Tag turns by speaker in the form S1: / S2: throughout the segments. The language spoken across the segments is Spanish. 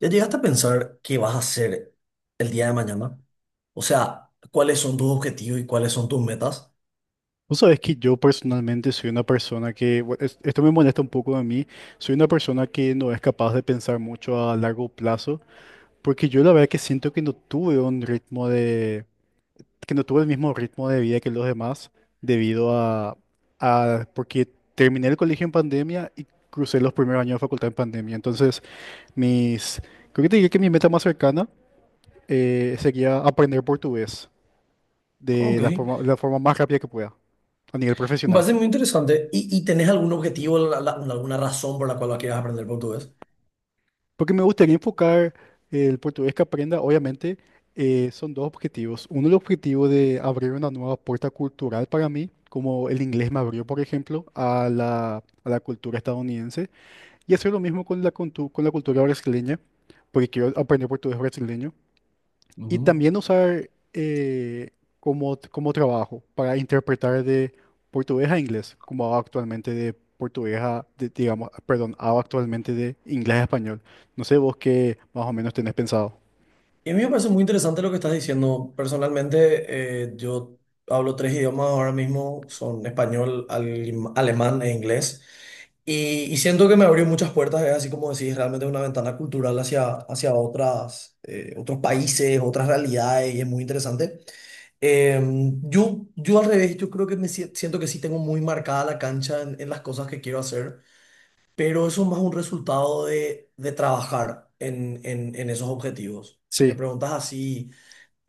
S1: ¿Ya llegaste a pensar qué vas a hacer el día de mañana? O sea, ¿cuáles son tus objetivos y cuáles son tus metas?
S2: Vos sabés que yo personalmente soy una persona que, esto me molesta un poco a mí, soy una persona que no es capaz de pensar mucho a largo plazo, porque yo la verdad que siento que no tuve un ritmo de, que no tuve el mismo ritmo de vida que los demás, debido a, porque terminé el colegio en pandemia y crucé los primeros años de facultad en pandemia. Entonces, mis, creo que te diría que mi meta más cercana sería aprender portugués de
S1: Ok,
S2: la forma más rápida que pueda, a nivel
S1: va a
S2: profesional.
S1: ser muy interesante. ¿Y tenés algún objetivo, alguna razón por la cual quieras aprender portugués?
S2: Porque me gustaría enfocar el portugués que aprenda, obviamente, son dos objetivos. Uno, el objetivo de abrir una nueva puerta cultural para mí, como el inglés me abrió, por ejemplo, a la cultura estadounidense, y hacer lo mismo con con la cultura brasileña, porque quiero aprender portugués brasileño. Y
S1: Ujú.
S2: también usar como trabajo para interpretar de portugués a inglés, como hago actualmente de digamos, perdón, hago actualmente de inglés a español. No sé vos qué más o menos tenés pensado.
S1: Y a mí me parece muy interesante lo que estás diciendo. Personalmente, yo hablo tres idiomas ahora mismo, son español, alemán e inglés. Y siento que me abrió muchas puertas, es así como decís, realmente una ventana cultural hacia, hacia otras, otros países, otras realidades, y es muy interesante. Eh, yo al revés, yo creo que me siento que sí tengo muy marcada la cancha en las cosas que quiero hacer, pero eso es más un resultado de trabajar en esos objetivos. Si me
S2: Sí,
S1: preguntas así,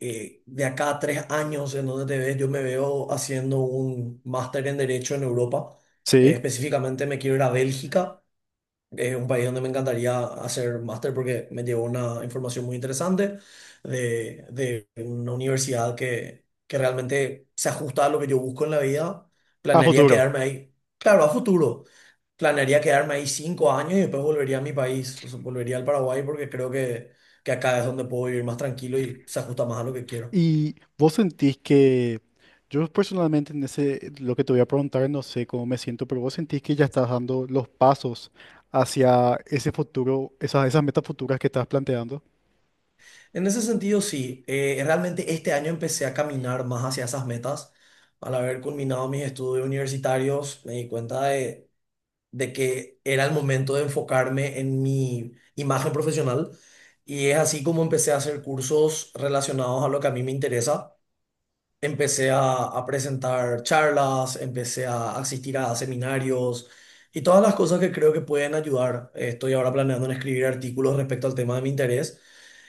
S1: de acá a tres años, ¿en dónde te ves? Yo me veo haciendo un máster en Derecho en Europa.
S2: sí,
S1: Específicamente me quiero ir a Bélgica, es un país donde me encantaría hacer máster porque me llevó una información muy interesante de una universidad que realmente se ajusta a lo que yo busco en la vida.
S2: a
S1: Planearía
S2: futuro.
S1: quedarme ahí, claro, a futuro. Planearía quedarme ahí cinco años y después volvería a mi país, o sea, volvería al Paraguay porque creo que acá es donde puedo vivir más tranquilo y se ajusta más a lo que quiero.
S2: Y vos sentís que, yo personalmente en ese, lo que te voy a preguntar, no sé cómo me siento, pero vos sentís que ya estás dando los pasos hacia ese futuro, esas metas futuras que estás planteando.
S1: En ese sentido, sí. Realmente este año empecé a caminar más hacia esas metas. Al haber culminado mis estudios universitarios, me di cuenta de que era el momento de enfocarme en mi imagen profesional. Y es así como empecé a hacer cursos relacionados a lo que a mí me interesa. Empecé a presentar charlas, empecé a asistir a seminarios y todas las cosas que creo que pueden ayudar. Estoy ahora planeando en escribir artículos respecto al tema de mi interés,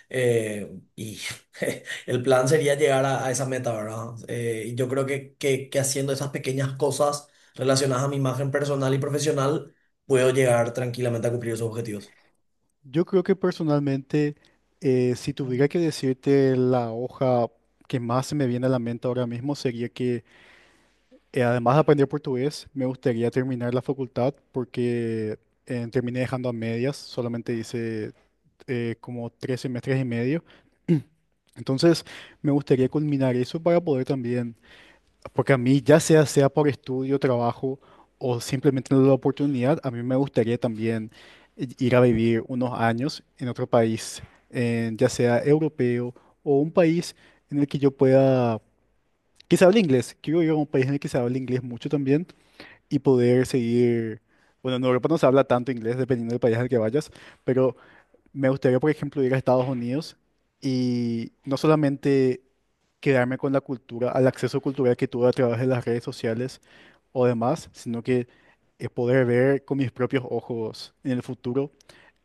S1: y el plan sería llegar a esa meta, ¿verdad? Y yo creo que haciendo esas pequeñas cosas relacionadas a mi imagen personal y profesional, puedo llegar tranquilamente a cumplir esos objetivos.
S2: Yo creo que personalmente, si tuviera que decirte la hoja que más se me viene a la mente ahora mismo, sería que además de aprender portugués, me gustaría terminar la facultad porque terminé dejando a medias, solamente hice como tres semestres y medio. Entonces, me gustaría culminar eso para poder también porque a mí, sea por estudio, trabajo o simplemente la oportunidad, a mí me gustaría también ir a vivir unos años en otro país, ya sea europeo o un país en el que yo pueda, que se hable inglés. Quiero ir a un país en el que se hable inglés mucho también y poder seguir, bueno, en Europa no se habla tanto inglés dependiendo del país al que vayas, pero me gustaría, por ejemplo, ir a Estados Unidos y no solamente quedarme con la cultura, al acceso cultural que tuve a través de las redes sociales, o demás, sino que es poder ver con mis propios ojos en el futuro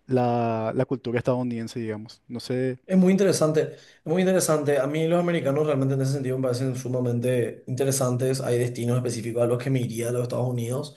S2: la cultura estadounidense, digamos. No sé,
S1: Es muy interesante, es muy interesante. A mí los americanos realmente en ese sentido me parecen sumamente interesantes. Hay destinos específicos a los que me iría de los Estados Unidos.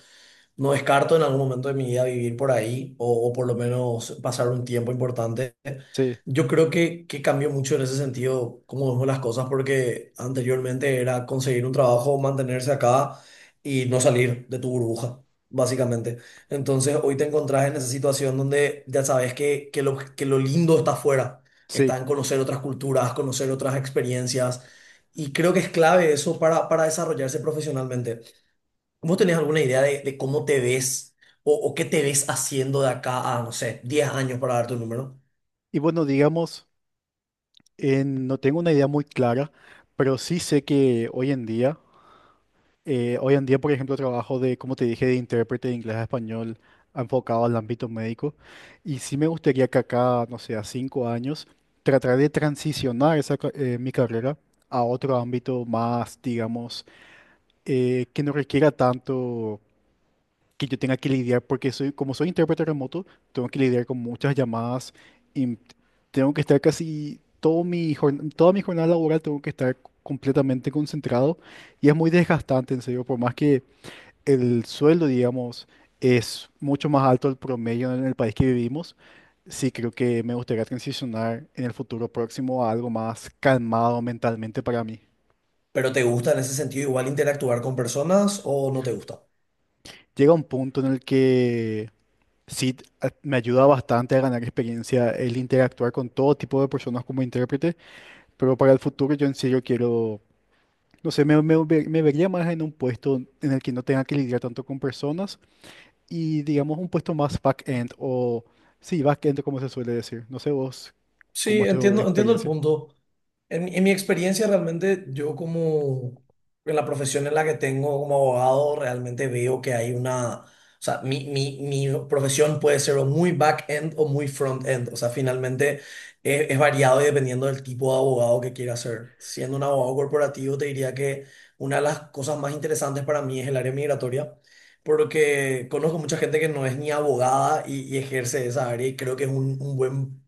S1: No descarto en algún momento de mi vida vivir por ahí o por lo menos pasar un tiempo importante.
S2: sí,
S1: Yo creo que cambió mucho en ese sentido cómo vemos las cosas porque anteriormente era conseguir un trabajo, mantenerse acá y no salir de tu burbuja, básicamente. Entonces hoy te encontrás en esa situación donde ya sabes que lo lindo está afuera,
S2: sí.
S1: está en conocer otras culturas, conocer otras experiencias. Y creo que es clave eso para desarrollarse profesionalmente. ¿Vos tenés alguna idea de cómo te ves o qué te ves haciendo de acá a, no sé, 10 años para darte un número?
S2: Y bueno, digamos, no tengo una idea muy clara, pero sí sé que hoy en día, por ejemplo, trabajo de, como te dije, de intérprete de inglés a español enfocado al ámbito médico, y sí me gustaría que acá, no sé, a 5 años, tratar de transicionar mi carrera a otro ámbito más, digamos, que no requiera tanto que yo tenga que lidiar, porque soy, como soy intérprete remoto, tengo que lidiar con muchas llamadas y tengo que estar casi toda mi jornada laboral, tengo que estar completamente concentrado y es muy desgastante, en serio, por más que el sueldo, digamos, es mucho más alto del promedio en el país que vivimos. Sí, creo que me gustaría transicionar en el futuro próximo a algo más calmado mentalmente para mí.
S1: ¿Pero te gusta en ese sentido igual interactuar con personas o no te gusta?
S2: Llega un punto en el que sí, me ayuda bastante a ganar experiencia el interactuar con todo tipo de personas como intérprete, pero para el futuro yo en serio quiero, no sé, me vería más en un puesto en el que no tenga que lidiar tanto con personas y digamos un puesto más back-end o, sí, back-end como se suele decir. No sé vos,
S1: Sí,
S2: cómo es tu
S1: entiendo, entiendo el
S2: experiencia.
S1: punto. En mi experiencia realmente yo como en la profesión en la que tengo como abogado realmente veo que hay o sea, mi profesión puede ser o muy back-end o muy front-end, o sea, finalmente es variado y dependiendo del tipo de abogado que quiera ser. Siendo un abogado corporativo te diría que una de las cosas más interesantes para mí es el área migratoria, porque conozco mucha gente que no es ni abogada y ejerce esa área y creo que es un buen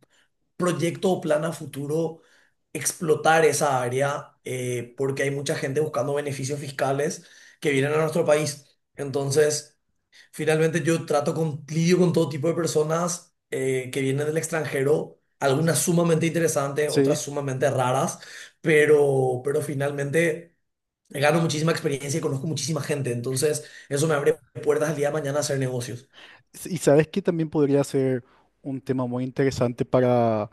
S1: proyecto o plan a futuro explotar esa área, porque hay mucha gente buscando beneficios fiscales que vienen a nuestro país. Entonces, finalmente yo trato lidio con todo tipo de personas, que vienen del extranjero, algunas sumamente interesantes, otras
S2: Sí.
S1: sumamente raras, pero finalmente gano muchísima experiencia y conozco muchísima gente. Entonces, eso me abre puertas al día de mañana a hacer negocios.
S2: S- Y sabes que también podría ser un tema muy interesante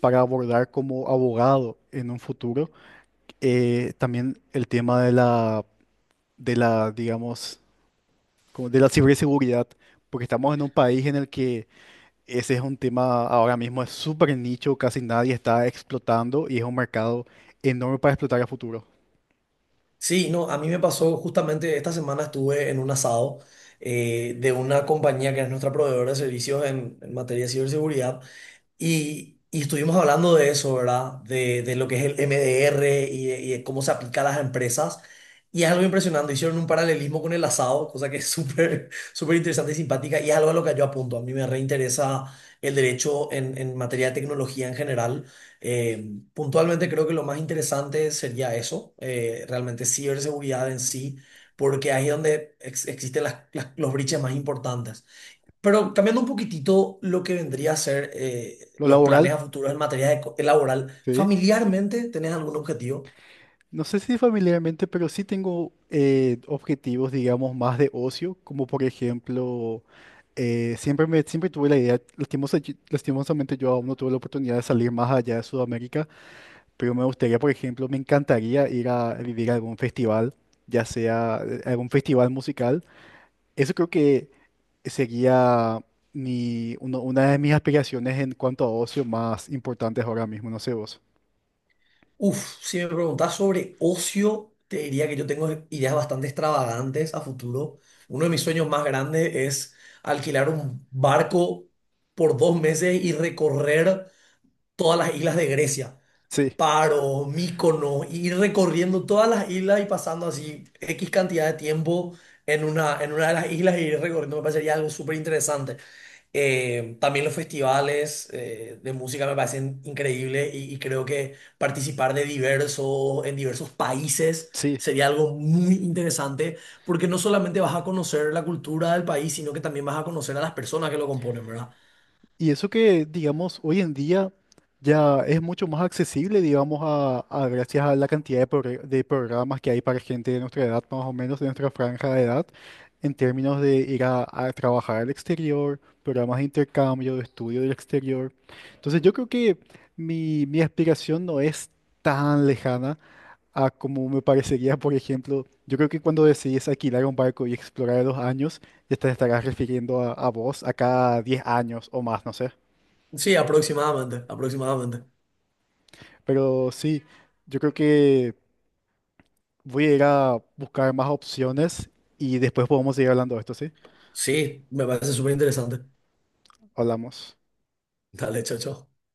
S2: para abordar como abogado en un futuro, también el tema de digamos, como de la ciberseguridad, porque estamos en un país en el que ese es un tema ahora mismo, es súper nicho, casi nadie está explotando y es un mercado enorme para explotar a futuro.
S1: Sí, no, a mí me pasó justamente esta semana, estuve en un asado, de una compañía que es nuestra proveedora de servicios en materia de ciberseguridad, y estuvimos hablando de eso, ¿verdad? De lo que es el MDR y de cómo se aplica a las empresas. Y es algo impresionante. Hicieron un paralelismo con el asado, cosa que es súper, súper interesante y simpática. Y es algo a lo que yo apunto. A mí me reinteresa el derecho en materia de tecnología en general. Eh, Puntualmente creo que lo más interesante sería eso, realmente ciberseguridad en sí, porque ahí es donde existen los briches más importantes. Pero cambiando un poquitito lo que vendría a ser,
S2: Lo
S1: los planes a
S2: laboral,
S1: futuro en materia de laboral,
S2: sí.
S1: ¿familiarmente tenés algún objetivo?
S2: No sé si familiarmente, pero sí tengo objetivos, digamos, más de ocio, como por ejemplo, siempre tuve la idea, lastimosamente yo aún no tuve la oportunidad de salir más allá de Sudamérica. Pero me gustaría, por ejemplo, me encantaría ir a vivir a algún festival, ya sea algún festival musical. Eso creo que sería una de mis aspiraciones en cuanto a ocio más importantes ahora mismo, no sé vos.
S1: Uf, si me preguntás sobre ocio, te diría que yo tengo ideas bastante extravagantes a futuro. Uno de mis sueños más grandes es alquilar un barco por dos meses y recorrer todas las islas de Grecia.
S2: Sí,
S1: Paro, Mícono, y ir recorriendo todas las islas y pasando así X cantidad de tiempo en una de las islas y ir recorriendo me parecería algo súper interesante. También los festivales, de música me parecen increíbles, y creo que participar de en diversos países
S2: sí.
S1: sería algo muy interesante porque no solamente vas a conocer la cultura del país, sino que también vas a conocer a las personas que lo componen, ¿verdad?
S2: Y eso que, digamos, hoy en día ya es mucho más accesible, digamos, gracias a la cantidad de programas que hay para gente de nuestra edad, más o menos de nuestra franja de edad, en términos de ir a trabajar al exterior, programas de intercambio, de estudio del exterior. Entonces yo creo que mi aspiración no es tan lejana a como me parecería, por ejemplo, yo creo que cuando decides alquilar un barco y explorar a los años, ya te estarás refiriendo a vos acá 10 años o más, no sé.
S1: Sí, aproximadamente, aproximadamente.
S2: Pero sí, yo creo que voy a ir a buscar más opciones y después podemos seguir hablando de esto, ¿sí?
S1: Sí, me parece súper interesante.
S2: Hablamos.
S1: Dale, chao, chao.